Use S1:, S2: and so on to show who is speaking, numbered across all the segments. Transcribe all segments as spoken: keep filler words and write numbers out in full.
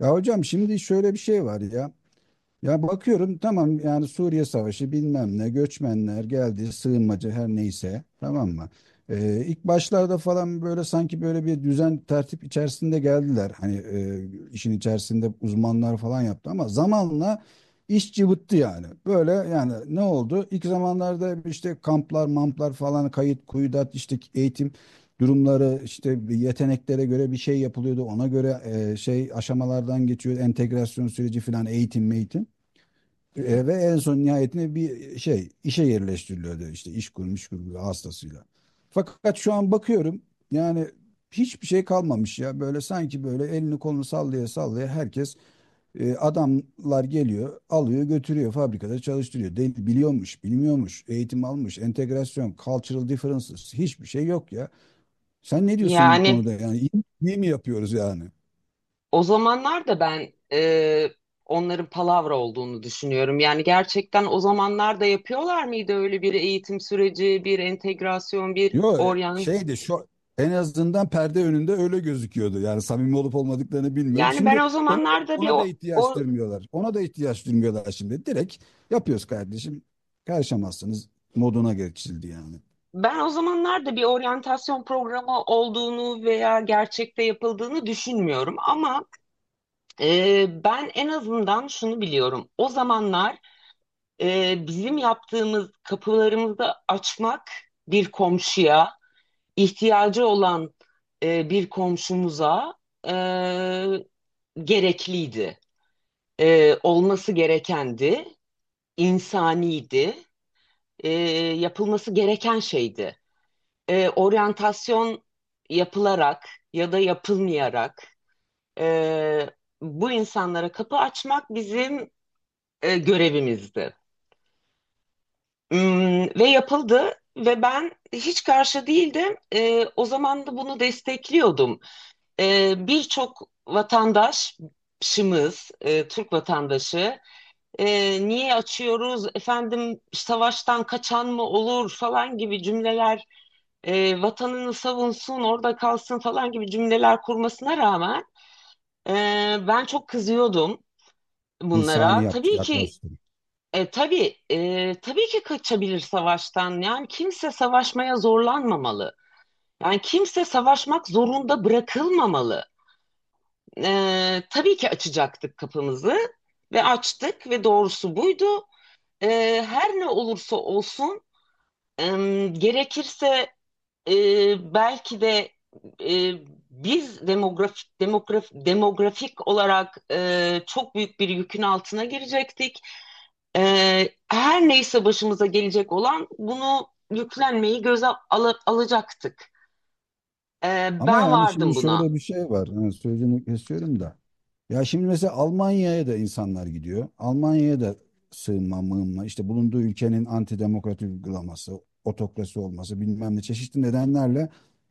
S1: Ya hocam şimdi şöyle bir şey var ya. Ya bakıyorum, tamam yani, Suriye Savaşı bilmem ne, göçmenler geldi, sığınmacı, her neyse, tamam mı? Ee, ilk başlarda falan böyle, sanki böyle bir düzen tertip içerisinde geldiler. Hani e, işin içerisinde uzmanlar falan yaptı, ama zamanla iş cıvıttı yani. Böyle, yani ne oldu? İlk zamanlarda işte kamplar mamplar falan, kayıt kuyudat, işte eğitim durumları, işte yeteneklere göre bir şey yapılıyordu. Ona göre e, şey, aşamalardan geçiyor, entegrasyon süreci falan, eğitim eğitim e, ve en son nihayetinde bir şey işe yerleştiriliyordu, işte iş kurmuş kurmuş hastasıyla. Fakat şu an bakıyorum yani, hiçbir şey kalmamış ya, böyle sanki böyle elini kolunu sallaya sallaya herkes, e, adamlar geliyor, alıyor, götürüyor, fabrikada çalıştırıyor. Değil, biliyormuş bilmiyormuş, eğitim almış, entegrasyon, cultural differences, hiçbir şey yok ya. Sen ne diyorsun bu
S2: Yani
S1: konuda, yani iyi, iyi mi yapıyoruz yani?
S2: o zamanlar da ben e, onların palavra olduğunu düşünüyorum. Yani gerçekten o zamanlar da yapıyorlar mıydı öyle bir eğitim süreci, bir entegrasyon, bir
S1: Yo,
S2: oryan?
S1: şeydi şu, en azından perde önünde öyle gözüküyordu. Yani samimi olup olmadıklarını bilmiyorum.
S2: Yani ben
S1: Şimdi
S2: o
S1: ona da,
S2: zamanlarda bir
S1: ona da
S2: o,
S1: ihtiyaç
S2: o-
S1: duymuyorlar. Ona da ihtiyaç duymuyorlar şimdi. Direkt yapıyoruz kardeşim. Karışamazsınız moduna geçildi yani.
S2: ben o zamanlarda bir oryantasyon programı olduğunu veya gerçekte yapıldığını düşünmüyorum. Ama e, ben en azından şunu biliyorum. O zamanlar e, bizim yaptığımız kapılarımızı açmak bir komşuya, ihtiyacı olan e, bir komşumuza e, gerekliydi. E, olması gerekendi, insaniydi, e, yapılması gereken şeydi. E, oryantasyon yapılarak ya da yapılmayarak e, bu insanlara kapı açmak bizim e, görevimizdi. Hmm, ve yapıldı ve ben hiç karşı değildim. E, o zaman da bunu destekliyordum. E, birçok vatandaşımız, e, Türk vatandaşı e, niye açıyoruz, efendim savaştan kaçan mı olur falan gibi cümleler, e, vatanını savunsun, orada kalsın falan gibi cümleler kurmasına rağmen e, ben çok kızıyordum
S1: İnsani
S2: bunlara.
S1: yaptı,
S2: Tabii ki
S1: yaklaştı.
S2: e, tabii e, tabii ki kaçabilir savaştan. Yani kimse savaşmaya zorlanmamalı. Yani kimse savaşmak zorunda bırakılmamalı. Ee, tabii ki açacaktık kapımızı ve açtık ve doğrusu buydu. Ee, her ne olursa olsun, em, gerekirse, e, belki de, e, biz demografik demograf, demografik olarak e, çok büyük bir yükün altına girecektik. Ee, her neyse başımıza gelecek olan bunu yüklenmeyi göze ala- alacaktık. Ee,
S1: Ama
S2: ben
S1: yani
S2: vardım
S1: şimdi
S2: buna.
S1: şöyle bir şey var, hani sözünü kesiyorum da. Ya şimdi mesela Almanya'ya da insanlar gidiyor. Almanya'ya da sığınma mığınma, işte bulunduğu ülkenin antidemokratik uygulaması, otokrasi olması, bilmem ne çeşitli nedenlerle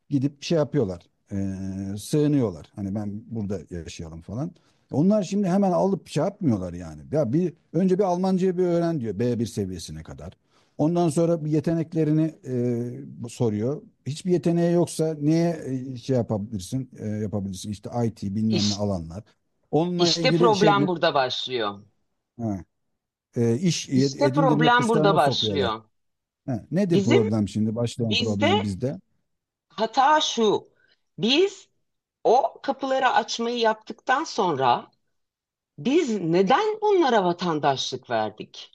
S1: gidip şey yapıyorlar. Ee, sığınıyorlar. Hani ben burada yaşayalım falan. Onlar şimdi hemen alıp şey yapmıyorlar yani. Ya bir önce bir Almancayı bir öğren diyor, B bir seviyesine kadar. Ondan sonra bir yeteneklerini e, soruyor. Hiçbir yeteneği yoksa neye e, şey yapabilirsin? e, yapabilirsin işte I T bilmem ne
S2: İş,
S1: alanlar. Onunla
S2: işte
S1: ilgili şey
S2: problem
S1: mi?
S2: burada başlıyor.
S1: Ha, e, iş
S2: İşte
S1: edindirme
S2: problem burada
S1: kurslarına sokuyorlar.
S2: başlıyor.
S1: Ha, nedir
S2: Bizim
S1: problem şimdi? Başlayan problem
S2: bizde
S1: bizde.
S2: hata şu. Biz o kapıları açmayı yaptıktan sonra biz neden bunlara vatandaşlık verdik?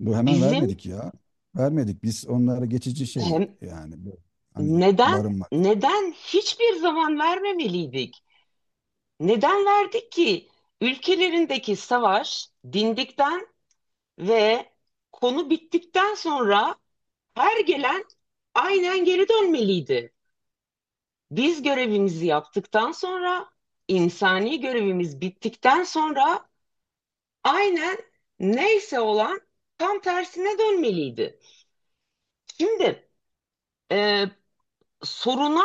S1: Bu hemen
S2: Bizim
S1: vermedik ya. Vermedik. Biz onlara geçici şey
S2: hem
S1: yani bu, hani
S2: neden
S1: barınmak.
S2: neden hiçbir zaman vermemeliydik? Neden verdik ki? Ülkelerindeki savaş dindikten ve konu bittikten sonra her gelen aynen geri dönmeliydi. Biz görevimizi yaptıktan sonra, insani görevimiz bittikten sonra aynen neyse olan tam tersine dönmeliydi. Şimdi e, soruna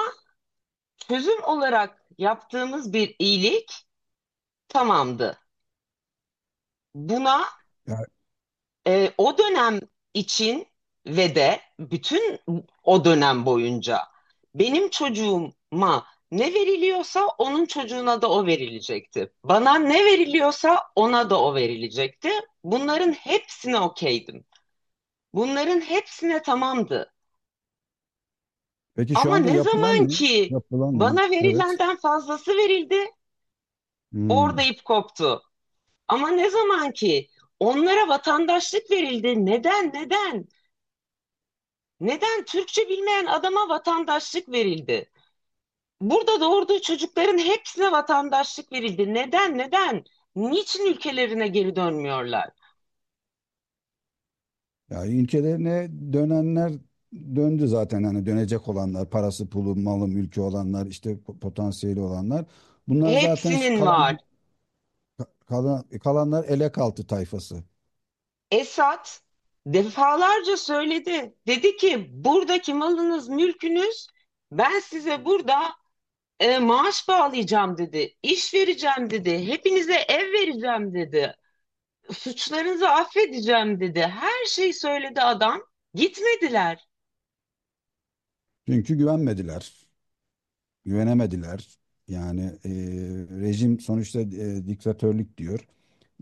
S2: çözüm olarak yaptığımız bir iyilik tamamdı. Buna Ee, o dönem için ve de bütün o dönem boyunca benim çocuğuma ne veriliyorsa onun çocuğuna da o verilecekti. Bana ne veriliyorsa ona da o verilecekti. Bunların hepsine okeydim. Bunların hepsine tamamdı.
S1: Peki şu
S2: Ama
S1: anda
S2: ne
S1: yapılan
S2: zaman
S1: ne?
S2: ki
S1: Yapılan ne?
S2: bana
S1: Evet.
S2: verilenden fazlası verildi, orada
S1: Hmm.
S2: ip koptu. Ama ne zaman ki onlara vatandaşlık verildi, neden neden? Neden Türkçe bilmeyen adama vatandaşlık verildi? Burada doğurduğu çocukların hepsine vatandaşlık verildi. Neden? Neden? Niçin ülkelerine geri dönmüyorlar?
S1: Ya ülkelerine dönenler döndü zaten, hani dönecek olanlar, parası, pulu, malı, mülkü olanlar, işte po- potansiyeli olanlar. Bunlar zaten ş-
S2: Hepsinin
S1: kalan
S2: var.
S1: kalan e, kalanlar, elek altı tayfası.
S2: Esad defalarca söyledi. Dedi ki buradaki malınız, mülkünüz ben size burada e, maaş bağlayacağım dedi. İş vereceğim dedi. Hepinize ev vereceğim dedi. Suçlarınızı affedeceğim dedi. Her şeyi söyledi adam. Gitmediler.
S1: Çünkü güvenmediler, güvenemediler. Yani e, rejim sonuçta e, diktatörlük diyor.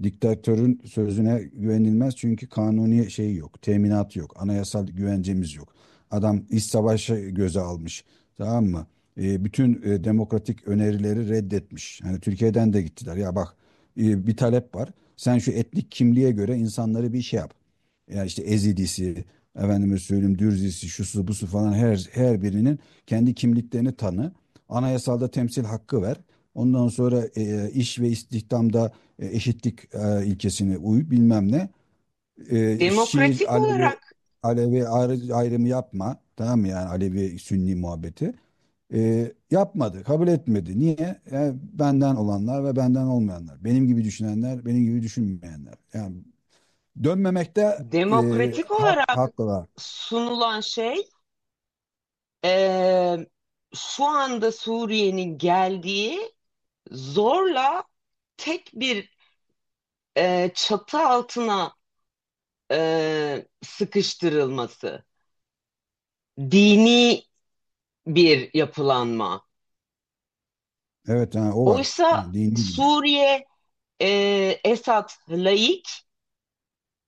S1: Diktatörün sözüne güvenilmez, çünkü kanuni şey yok, teminat yok, anayasal güvencemiz yok. Adam iç savaşı göze almış, tamam mı? E, bütün e, demokratik önerileri reddetmiş. Hani Türkiye'den de gittiler. Ya bak, e, bir talep var. Sen şu etnik kimliğe göre insanları bir şey yap. Ya işte Ezidisi, efendime söyleyeyim Dürzisi, şusu busu falan, her her birinin kendi kimliklerini tanı. Anayasalda temsil hakkı ver. Ondan sonra e, iş ve istihdamda e, eşitlik e, ilkesine uy, bilmem ne. E, Şii,
S2: Demokratik
S1: Alevi,
S2: olarak
S1: Alevi ayrı- ayrımı yapma. Tamam mı yani, Alevi Sünni muhabbeti. E, yapmadı, kabul etmedi. Niye? E, benden olanlar ve benden olmayanlar. Benim gibi düşünenler, benim gibi düşünmeyenler. Yani dönmemekte e,
S2: demokratik
S1: hak,
S2: olarak
S1: hakkı var.
S2: sunulan şey eee, şu anda Suriye'nin geldiği zorla tek bir eee, çatı altına eee, sıkıştırılması. Dini bir yapılanma.
S1: Evet, ha, o var.
S2: Oysa
S1: Ha, dini.
S2: Suriye eee Esad laik,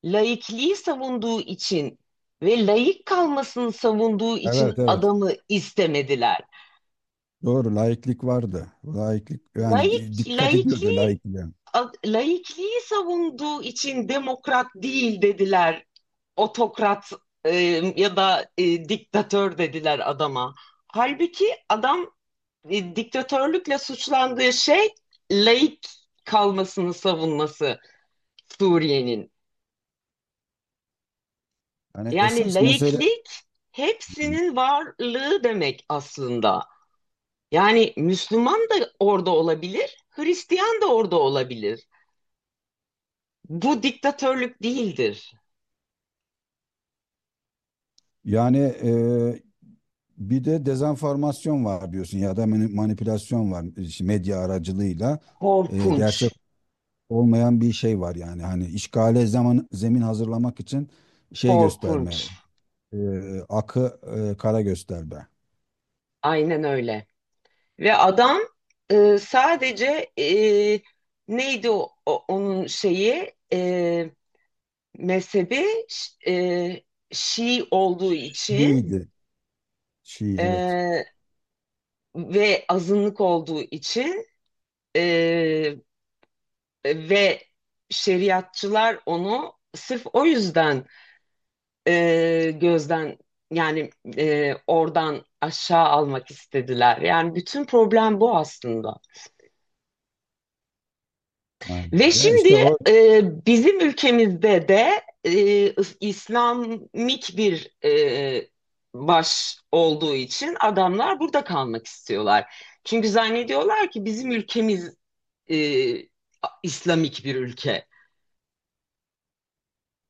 S2: laikliği savunduğu için ve laik kalmasını savunduğu için
S1: Evet, evet.
S2: adamı istemediler.
S1: Doğru, laiklik vardı. Laiklik, yani di-
S2: Laik,
S1: dikkat ediyordu
S2: laikliği,
S1: laikliğe.
S2: a- laikliği savunduğu için demokrat değil dediler. Otokrat e, ya da e, diktatör dediler adama. Halbuki adam e, diktatörlükle suçlandığı şey laik kalmasını savunması Suriye'nin.
S1: Yani
S2: Yani
S1: esas mesele.
S2: laiklik hepsinin varlığı demek aslında. Yani Müslüman da orada olabilir, Hristiyan da orada olabilir. Bu diktatörlük değildir.
S1: Yani e, bir de dezenformasyon var diyorsun, ya da mani- manipülasyon var, işte medya aracılığıyla. E,
S2: Korkunç,
S1: gerçek olmayan bir şey var, yani hani işgale zaman zemin hazırlamak için şey gösterme,
S2: korkunç.
S1: e, akı e, kara gösterme.
S2: Aynen öyle. Ve adam e, sadece e, neydi o, o- onun şeyi e, mezhebi ş- e, Şii olduğu için,
S1: Şiiydi. Şii, evet.
S2: e, ve azınlık olduğu için, e, ve şeriatçılar onu sırf o yüzden e, gözden, yani e, oradan aşağı almak istediler. Yani bütün problem bu aslında.
S1: Ha,
S2: Ve
S1: ya
S2: şimdi
S1: işte o.
S2: e, bizim ülkemizde de e, İslamik bir e, baş olduğu için adamlar burada kalmak istiyorlar. Çünkü zannediyorlar ki bizim ülkemiz e, İslamik bir ülke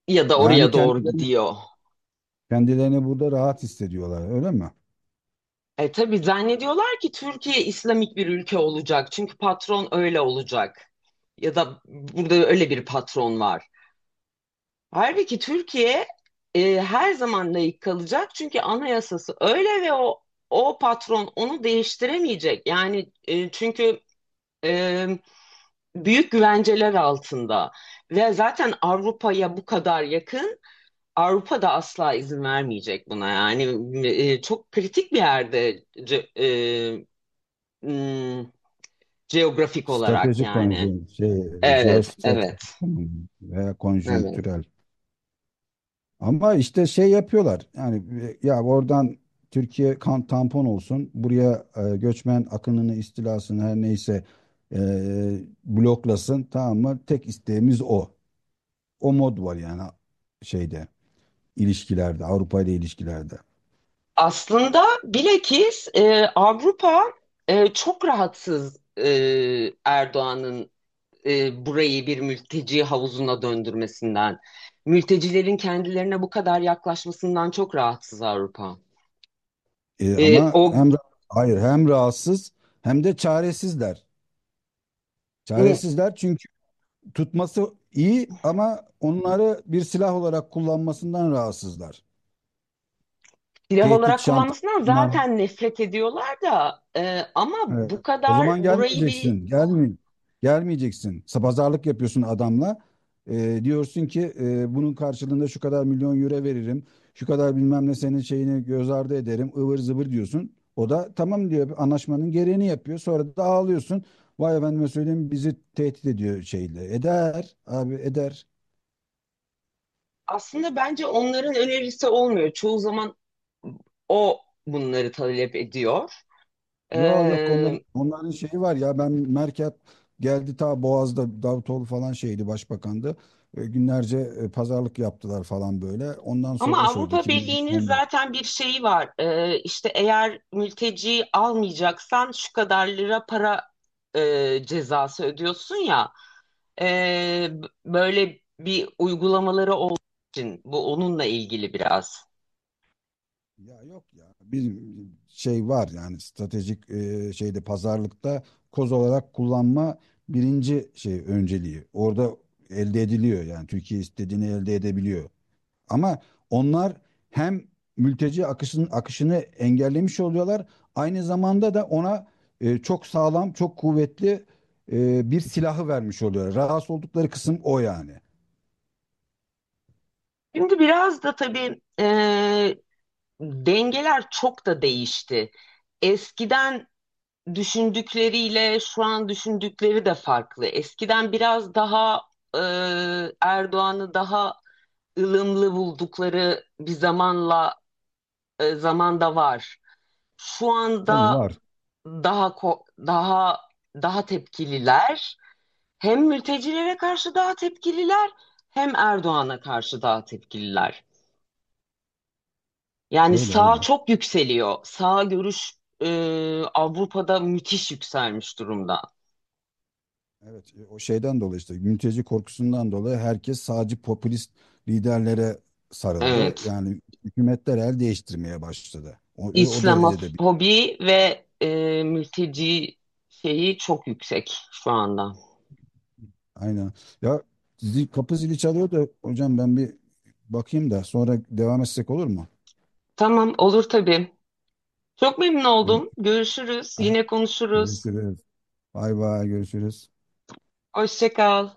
S2: ya da
S1: Yani
S2: oraya doğru
S1: kendilerini
S2: gidiyor.
S1: kendilerini burada rahat hissediyorlar, öyle mi?
S2: E tabii zannediyorlar ki Türkiye İslamik bir ülke olacak. Çünkü patron öyle olacak. Ya da burada öyle bir patron var. Halbuki Türkiye e, her zaman layık kalacak. Çünkü anayasası öyle ve o o patron onu değiştiremeyecek. Yani e, çünkü e, büyük güvenceler altında ve zaten Avrupa'ya bu kadar yakın. Avrupa da asla izin vermeyecek buna. Yani e, çok kritik bir yerde c- Hmm, geografik olarak
S1: Stratejik
S2: yani.
S1: konjonktür şey,
S2: Evet, evet,
S1: jeostratejik konum veya
S2: evet.
S1: konjonktürel. Ama işte şey yapıyorlar. Yani e, ya oradan Türkiye kan tampon olsun. Buraya e, göçmen akınını, istilasını, her neyse e, bloklasın. Tamam mı? Tek isteğimiz o. O mod var yani, şeyde ilişkilerde, Avrupa ile ilişkilerde.
S2: Aslında bilakis e, Avrupa e, çok rahatsız, e, Erdoğan'ın e, burayı bir mülteci havuzuna döndürmesinden. Mültecilerin kendilerine bu kadar yaklaşmasından çok rahatsız Avrupa.
S1: E,
S2: E,
S1: ama
S2: o
S1: hem, hayır, hem rahatsız hem de çaresizler.
S2: m,
S1: Çaresizler, çünkü tutması iyi ama onları bir silah olarak kullanmasından rahatsızlar.
S2: silah
S1: Tehdit,
S2: olarak
S1: şantaj,
S2: kullanmasından
S1: bunlar.
S2: zaten nefret ediyorlar da e, ama
S1: Evet.
S2: bu
S1: O
S2: kadar
S1: zaman
S2: burayı bir
S1: gelmeyeceksin. Gelme, gelmeyeceksin. Sa- Pazarlık yapıyorsun adamla. Ee, diyorsun ki, e, bunun karşılığında şu kadar milyon euro veririm. Şu kadar bilmem ne senin şeyini göz ardı ederim, ıvır zıvır, diyorsun. O da tamam diyor. Anlaşmanın gereğini yapıyor. Sonra da ağlıyorsun. Vay efendime söyleyeyim, bizi tehdit ediyor şeyle. Eder abi eder.
S2: aslında bence onların önerisi olmuyor. Çoğu zaman o bunları talep ediyor.
S1: Yo yok, onların
S2: Ee,
S1: onların şeyi var ya, ben Merkel geldi ta Boğaz'da, Davutoğlu falan şeydi başbakandı. E, günlerce e, pazarlık yaptılar falan böyle. Ondan
S2: ama
S1: sonra şey oldu,
S2: Avrupa Birliği'nin
S1: iki bin on dört.
S2: zaten bir şeyi var. Ee, işte eğer mülteci almayacaksan şu kadar lira para e, cezası ödüyorsun ya. Ee, böyle bir uygulamaları olduğu için bu onunla ilgili biraz.
S1: Ya yok ya, bizim şey var yani, stratejik e, şeyde, pazarlıkta koz olarak kullanma birinci şey önceliği. Orada elde ediliyor, yani Türkiye istediğini elde edebiliyor. Ama onlar hem mülteci akışının akışını engellemiş oluyorlar. Aynı zamanda da ona, e, çok sağlam, çok kuvvetli e, bir silahı vermiş oluyor. Rahatsız oldukları kısım o yani.
S2: Şimdi biraz da tabii e, dengeler çok da değişti. Eskiden düşündükleriyle şu an düşündükleri de farklı. Eskiden biraz daha e, Erdoğan'ı daha ılımlı buldukları bir zamanla e, zamanda var. Şu
S1: Tabii
S2: anda
S1: var.
S2: daha ko- daha daha tepkililer. Hem mültecilere karşı daha tepkililer, hem Erdoğan'a karşı daha tepkililer. Yani
S1: Öyle
S2: sağ
S1: öyle.
S2: çok yükseliyor. Sağ görüş e, Avrupa'da müthiş yükselmiş durumda.
S1: Evet, e, o şeyden dolayı, işte mülteci korkusundan dolayı, herkes sadece popülist liderlere sarıldı.
S2: Evet.
S1: Yani hükümetler el değiştirmeye başladı, O, o o derecede.
S2: İslamofobi ve e, mülteci şeyi çok yüksek şu anda.
S1: Aynen. Ya zil, kapı zili çalıyor da hocam, ben bir bakayım da sonra devam etsek olur mu?
S2: Tamam, olur tabii. Çok memnun
S1: Gör-
S2: oldum. Görüşürüz.
S1: Ha,
S2: Yine konuşuruz.
S1: görüşürüz. Bay bay görüşürüz.
S2: Hoşça kal.